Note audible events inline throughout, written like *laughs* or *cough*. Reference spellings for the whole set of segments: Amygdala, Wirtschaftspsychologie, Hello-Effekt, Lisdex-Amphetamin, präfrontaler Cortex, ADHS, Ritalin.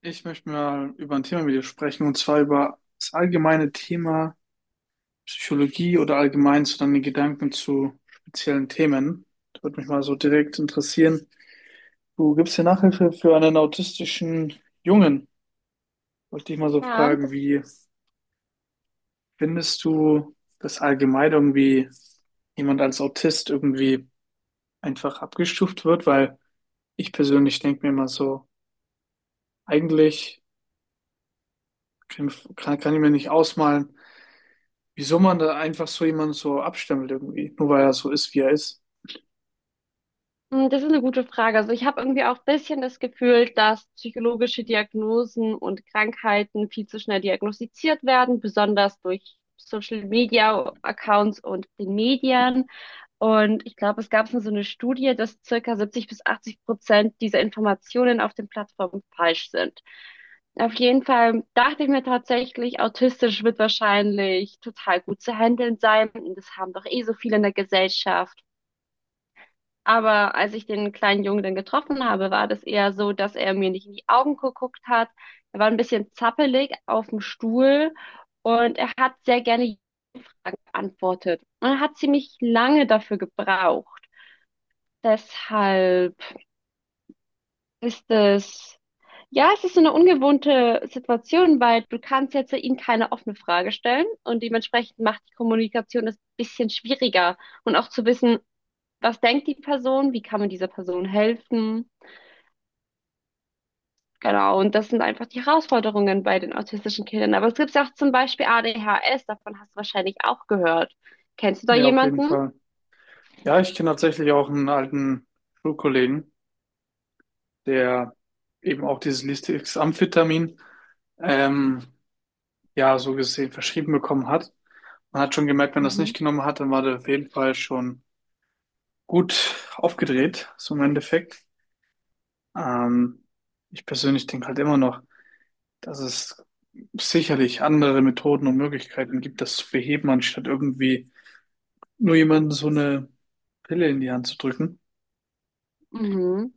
Ich möchte mal über ein Thema mit dir sprechen, und zwar über das allgemeine Thema Psychologie oder allgemein so deine Gedanken zu speziellen Themen. Das würde mich mal so direkt interessieren. Du gibst hier Nachhilfe für einen autistischen Jungen. Wollte dich mal so Ja, fragen, das, wie findest du, dass allgemein irgendwie jemand als Autist irgendwie einfach abgestuft wird? Weil ich persönlich denke mir immer so, eigentlich kann, kann ich mir nicht ausmalen, wieso man da einfach so jemanden so abstempelt irgendwie, nur weil er so ist, wie er ist. Das ist eine gute Frage. Also ich habe irgendwie auch ein bisschen das Gefühl, dass psychologische Diagnosen und Krankheiten viel zu schnell diagnostiziert werden, besonders durch Social Media Accounts und den Medien. Und ich glaube, es gab so eine Studie, dass circa 70 bis 80% dieser Informationen auf den Plattformen falsch sind. Auf jeden Fall dachte ich mir tatsächlich, autistisch wird wahrscheinlich total gut zu handeln sein. Und das haben doch eh so viele in der Gesellschaft. Aber als ich den kleinen Jungen dann getroffen habe, war das eher so, dass er mir nicht in die Augen geguckt hat. Er war ein bisschen zappelig auf dem Stuhl und er hat sehr gerne Ja geantwortet. Und er hat ziemlich lange dafür gebraucht. Deshalb ist es, ja, es ist so eine ungewohnte Situation, weil du kannst jetzt ihm keine offene Frage stellen, und dementsprechend macht die Kommunikation das ein bisschen schwieriger, und auch zu wissen, was denkt die Person, wie kann man dieser Person helfen. Genau, und das sind einfach die Herausforderungen bei den autistischen Kindern. Aber es gibt ja auch zum Beispiel ADHS, davon hast du wahrscheinlich auch gehört. Kennst du da Ja, auf jeden jemanden? Fall. Ja, ich kenne tatsächlich auch einen alten Schulkollegen, der eben auch dieses Lisdex-Amphetamin, ähm, ja, so gesehen verschrieben bekommen hat. Man hat schon gemerkt, wenn er es Mhm. nicht genommen hat, dann war der auf jeden Fall schon gut aufgedreht, so im Endeffekt. Ähm, Ich persönlich denke halt immer noch, dass es sicherlich andere Methoden und Möglichkeiten gibt, das zu beheben, anstatt irgendwie nur jemandem so eine Pille in die Hand zu drücken. Mhm.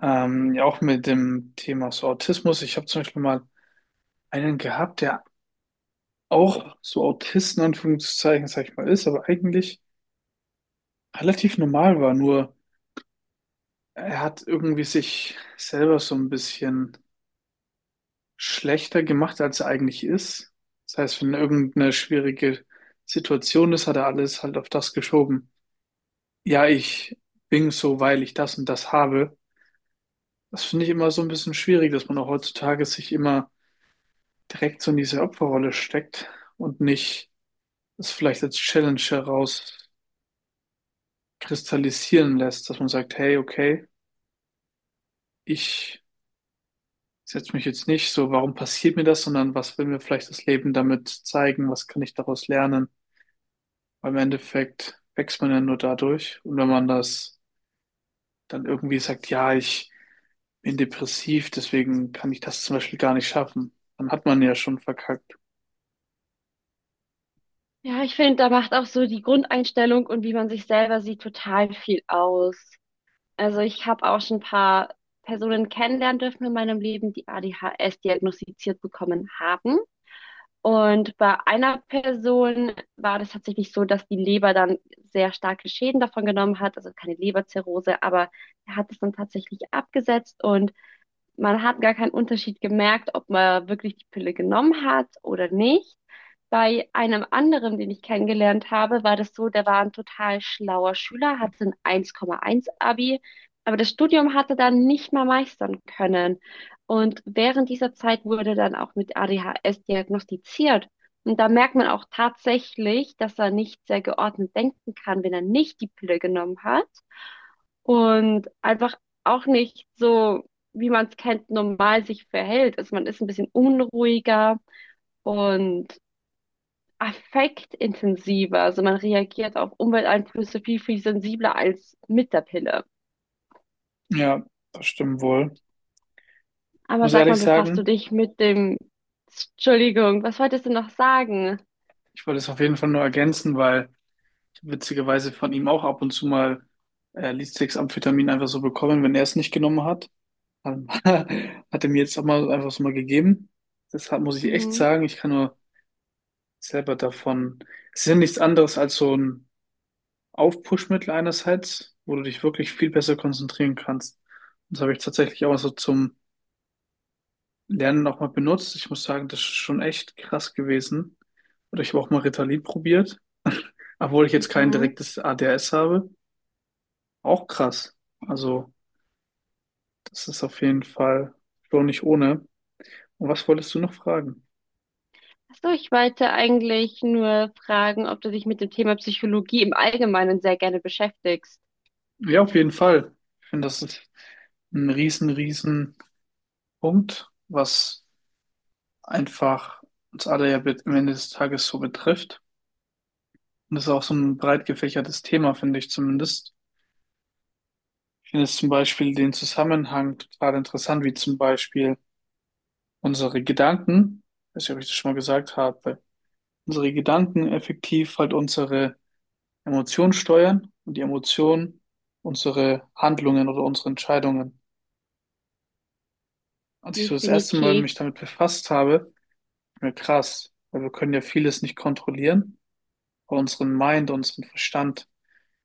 Ja, auch mit dem Thema so Autismus. Ich habe zum Beispiel mal einen gehabt, der auch so Autist in Anführungszeichen, sag ich mal, ist, aber eigentlich relativ normal war. Nur er hat irgendwie sich selber so ein bisschen schlechter gemacht, als er eigentlich ist. Das heißt, wenn irgendeine schwierige Situation ist, hat er alles halt auf das geschoben. Ja, ich bin so, weil ich das und das habe. Das finde ich immer so ein bisschen schwierig, dass man auch heutzutage sich immer direkt so in diese Opferrolle steckt und nicht es vielleicht als Challenge herauskristallisieren lässt, dass man sagt, hey, okay, ich setze mich jetzt nicht so, warum passiert mir das, sondern was will mir vielleicht das Leben damit zeigen, was kann ich daraus lernen? Weil im Endeffekt wächst man ja nur dadurch. Und wenn man das dann irgendwie sagt, ja, ich bin depressiv, deswegen kann ich das zum Beispiel gar nicht schaffen, dann hat man ja schon verkackt. Ja, ich finde, da macht auch so die Grundeinstellung und wie man sich selber sieht total viel aus. Also ich habe auch schon ein paar Personen kennenlernen dürfen in meinem Leben, die ADHS diagnostiziert bekommen haben. Und bei einer Person war das tatsächlich so, dass die Leber dann sehr starke Schäden davon genommen hat, also keine Leberzirrhose, aber er hat es dann tatsächlich abgesetzt und man hat gar keinen Unterschied gemerkt, ob man wirklich die Pille genommen hat oder nicht. Bei einem anderen, den ich kennengelernt habe, war das so, der war ein total schlauer Schüler, hatte ein 1,1 Abi, aber das Studium hatte dann nicht mal meistern können. Und während dieser Zeit wurde dann auch mit ADHS diagnostiziert. Und da merkt man auch tatsächlich, dass er nicht sehr geordnet denken kann, wenn er nicht die Pille genommen hat und einfach auch nicht so, wie man es kennt, normal sich verhält. Also man ist ein bisschen unruhiger und affektintensiver. Also man reagiert auf Umwelteinflüsse viel, viel sensibler als mit der Pille. Ja, das stimmt wohl. Aber Muss sag mal, ehrlich befasst du sagen, dich mit dem... Entschuldigung, was wolltest du noch sagen? ich wollte es auf jeden Fall nur ergänzen, weil ich witzigerweise von ihm auch ab und zu mal äh, amphetamin einfach so bekommen, wenn er es nicht genommen hat. Ähm, *laughs* Hat er mir jetzt auch mal einfach so mal gegeben. Deshalb muss ich echt Mhm, sagen, ich kann nur selber davon. Es ist ja nichts anderes als so ein Aufpushmittel einerseits, wo du dich wirklich viel besser konzentrieren kannst. Und das habe ich tatsächlich auch so zum Lernen nochmal benutzt. Ich muss sagen, das ist schon echt krass gewesen. Oder ich habe auch mal Ritalin probiert, *laughs* obwohl ich jetzt kein mhm. direktes ADHS habe. Auch krass. Also, das ist auf jeden Fall schon nicht ohne. Und was wolltest du noch fragen? Achso, ich wollte eigentlich nur fragen, ob du dich mit dem Thema Psychologie im Allgemeinen sehr gerne beschäftigst. Ja, auf jeden Fall. Ich finde, das ist ein riesen, riesen Punkt, was einfach uns alle ja am Ende des Tages so betrifft. Und das ist auch so ein breit gefächertes Thema, finde ich zumindest. Ich finde jetzt zum Beispiel den Zusammenhang total interessant, wie zum Beispiel unsere Gedanken, ich weiß nicht, ob ich das schon mal gesagt habe, unsere Gedanken effektiv halt unsere Emotionen steuern und die Emotionen unsere Handlungen oder unsere Entscheidungen. Als ich so das erste Mal Definitiv. mich damit befasst habe, ist mir krass, weil wir können ja vieles nicht kontrollieren, aber unseren Mind, unseren Verstand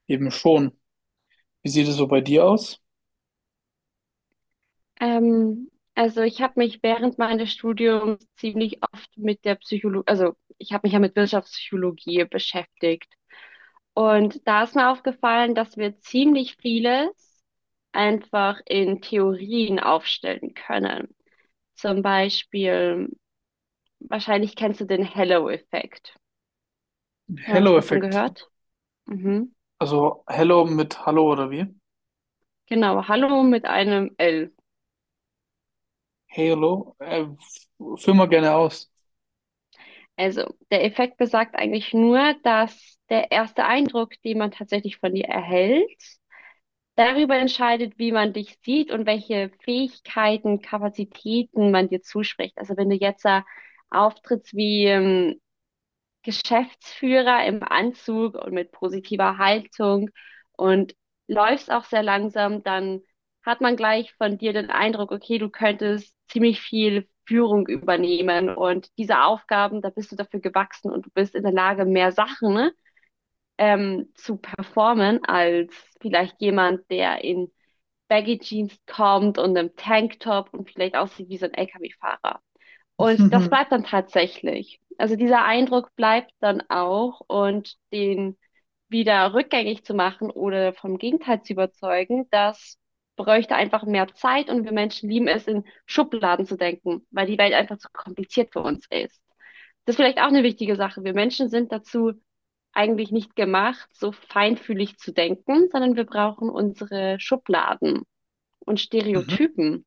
eben schon. Wie sieht es so bei dir aus? Ähm, also ich habe mich während meines Studiums ziemlich oft mit der Psychologie, also ich habe mich ja mit Wirtschaftspsychologie beschäftigt. Und da ist mir aufgefallen, dass wir ziemlich vieles einfach in Theorien aufstellen können. Zum Beispiel, wahrscheinlich kennst du den Hello-Effekt. Haben wir was davon Hello-Effekt. gehört? Mhm. Also Hello mit Hallo oder wie? Genau, Hallo mit einem L. Halo. Führ mal gerne aus. Also, der Effekt besagt eigentlich nur, dass der erste Eindruck, den man tatsächlich von dir erhält, darüber entscheidet, wie man dich sieht und welche Fähigkeiten, Kapazitäten man dir zuspricht. Also, wenn du jetzt da auftrittst wie, Geschäftsführer im Anzug und mit positiver Haltung und läufst auch sehr langsam, dann hat man gleich von dir den Eindruck, okay, du könntest ziemlich viel Führung übernehmen und diese Aufgaben, da bist du dafür gewachsen, und du bist in der Lage, mehr Sachen ne, zu performen als vielleicht jemand, der in Baggy Jeans kommt und einem Tanktop und vielleicht aussieht wie so ein LKW-Fahrer. Und das bleibt *laughs* dann tatsächlich. Also dieser Eindruck bleibt dann auch, und den wieder rückgängig zu machen oder vom Gegenteil zu überzeugen, das bräuchte einfach mehr Zeit, und wir Menschen lieben es, in Schubladen zu denken, weil die Welt einfach zu kompliziert für uns ist. Das ist vielleicht auch eine wichtige Sache. Wir Menschen sind dazu eigentlich nicht gemacht, so feinfühlig zu denken, sondern wir brauchen unsere Schubladen und Mhm. Stereotypen.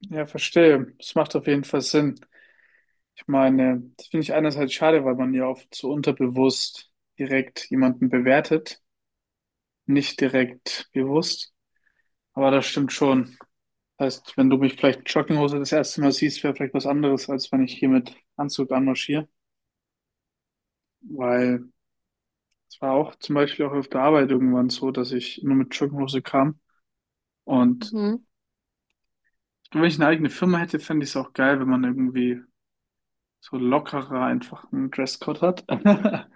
Ja, verstehe. Das macht auf jeden Fall Sinn. Ich meine, das finde ich einerseits schade, weil man ja oft so unterbewusst direkt jemanden bewertet, nicht direkt bewusst. Aber das stimmt schon. Heißt, wenn du mich vielleicht in Jogginghose das erste Mal siehst, wäre vielleicht was anderes, als wenn ich hier mit Anzug anmarschiere. Weil es war auch zum Beispiel auch auf der Arbeit irgendwann so, dass ich nur mit Jogginghose kam. Und Mhm. wenn ich eine eigene Firma hätte, fände ich es auch geil, wenn man irgendwie so lockerer einfach einen Dresscode hat. *laughs*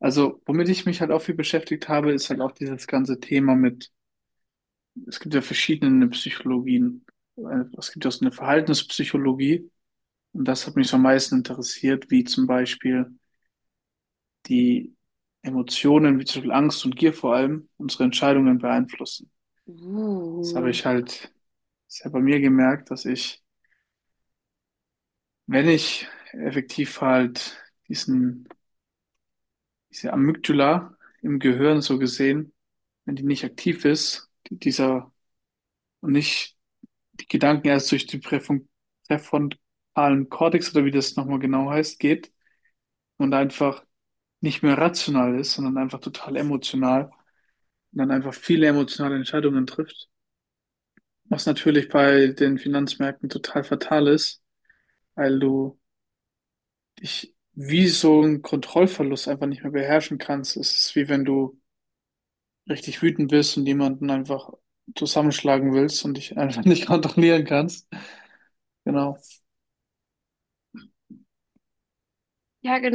Also, womit ich mich halt auch viel beschäftigt habe, ist halt auch dieses ganze Thema mit, es gibt ja verschiedene Psychologien. Es gibt ja so eine Verhaltenspsychologie. Und das hat mich so am meisten interessiert, wie zum Beispiel die Emotionen, wie zum Beispiel Angst und Gier vor allem, unsere Entscheidungen beeinflussen. Das habe Uh. ich halt sehr bei mir gemerkt, dass ich, wenn ich effektiv halt diesen, diese Amygdala im Gehirn so gesehen, wenn die nicht aktiv ist, und nicht die Gedanken erst durch die präfrontalen Cortex oder wie das nochmal genau heißt, geht und einfach nicht mehr rational ist, sondern einfach total emotional und dann einfach viele emotionale Entscheidungen trifft. Was natürlich bei den Finanzmärkten total fatal ist, weil du dich wie so einen Kontrollverlust einfach nicht mehr beherrschen kannst. Es ist wie wenn du richtig wütend bist und jemanden einfach zusammenschlagen willst und dich einfach *laughs* nicht kontrollieren kannst. Genau. Ja, genau.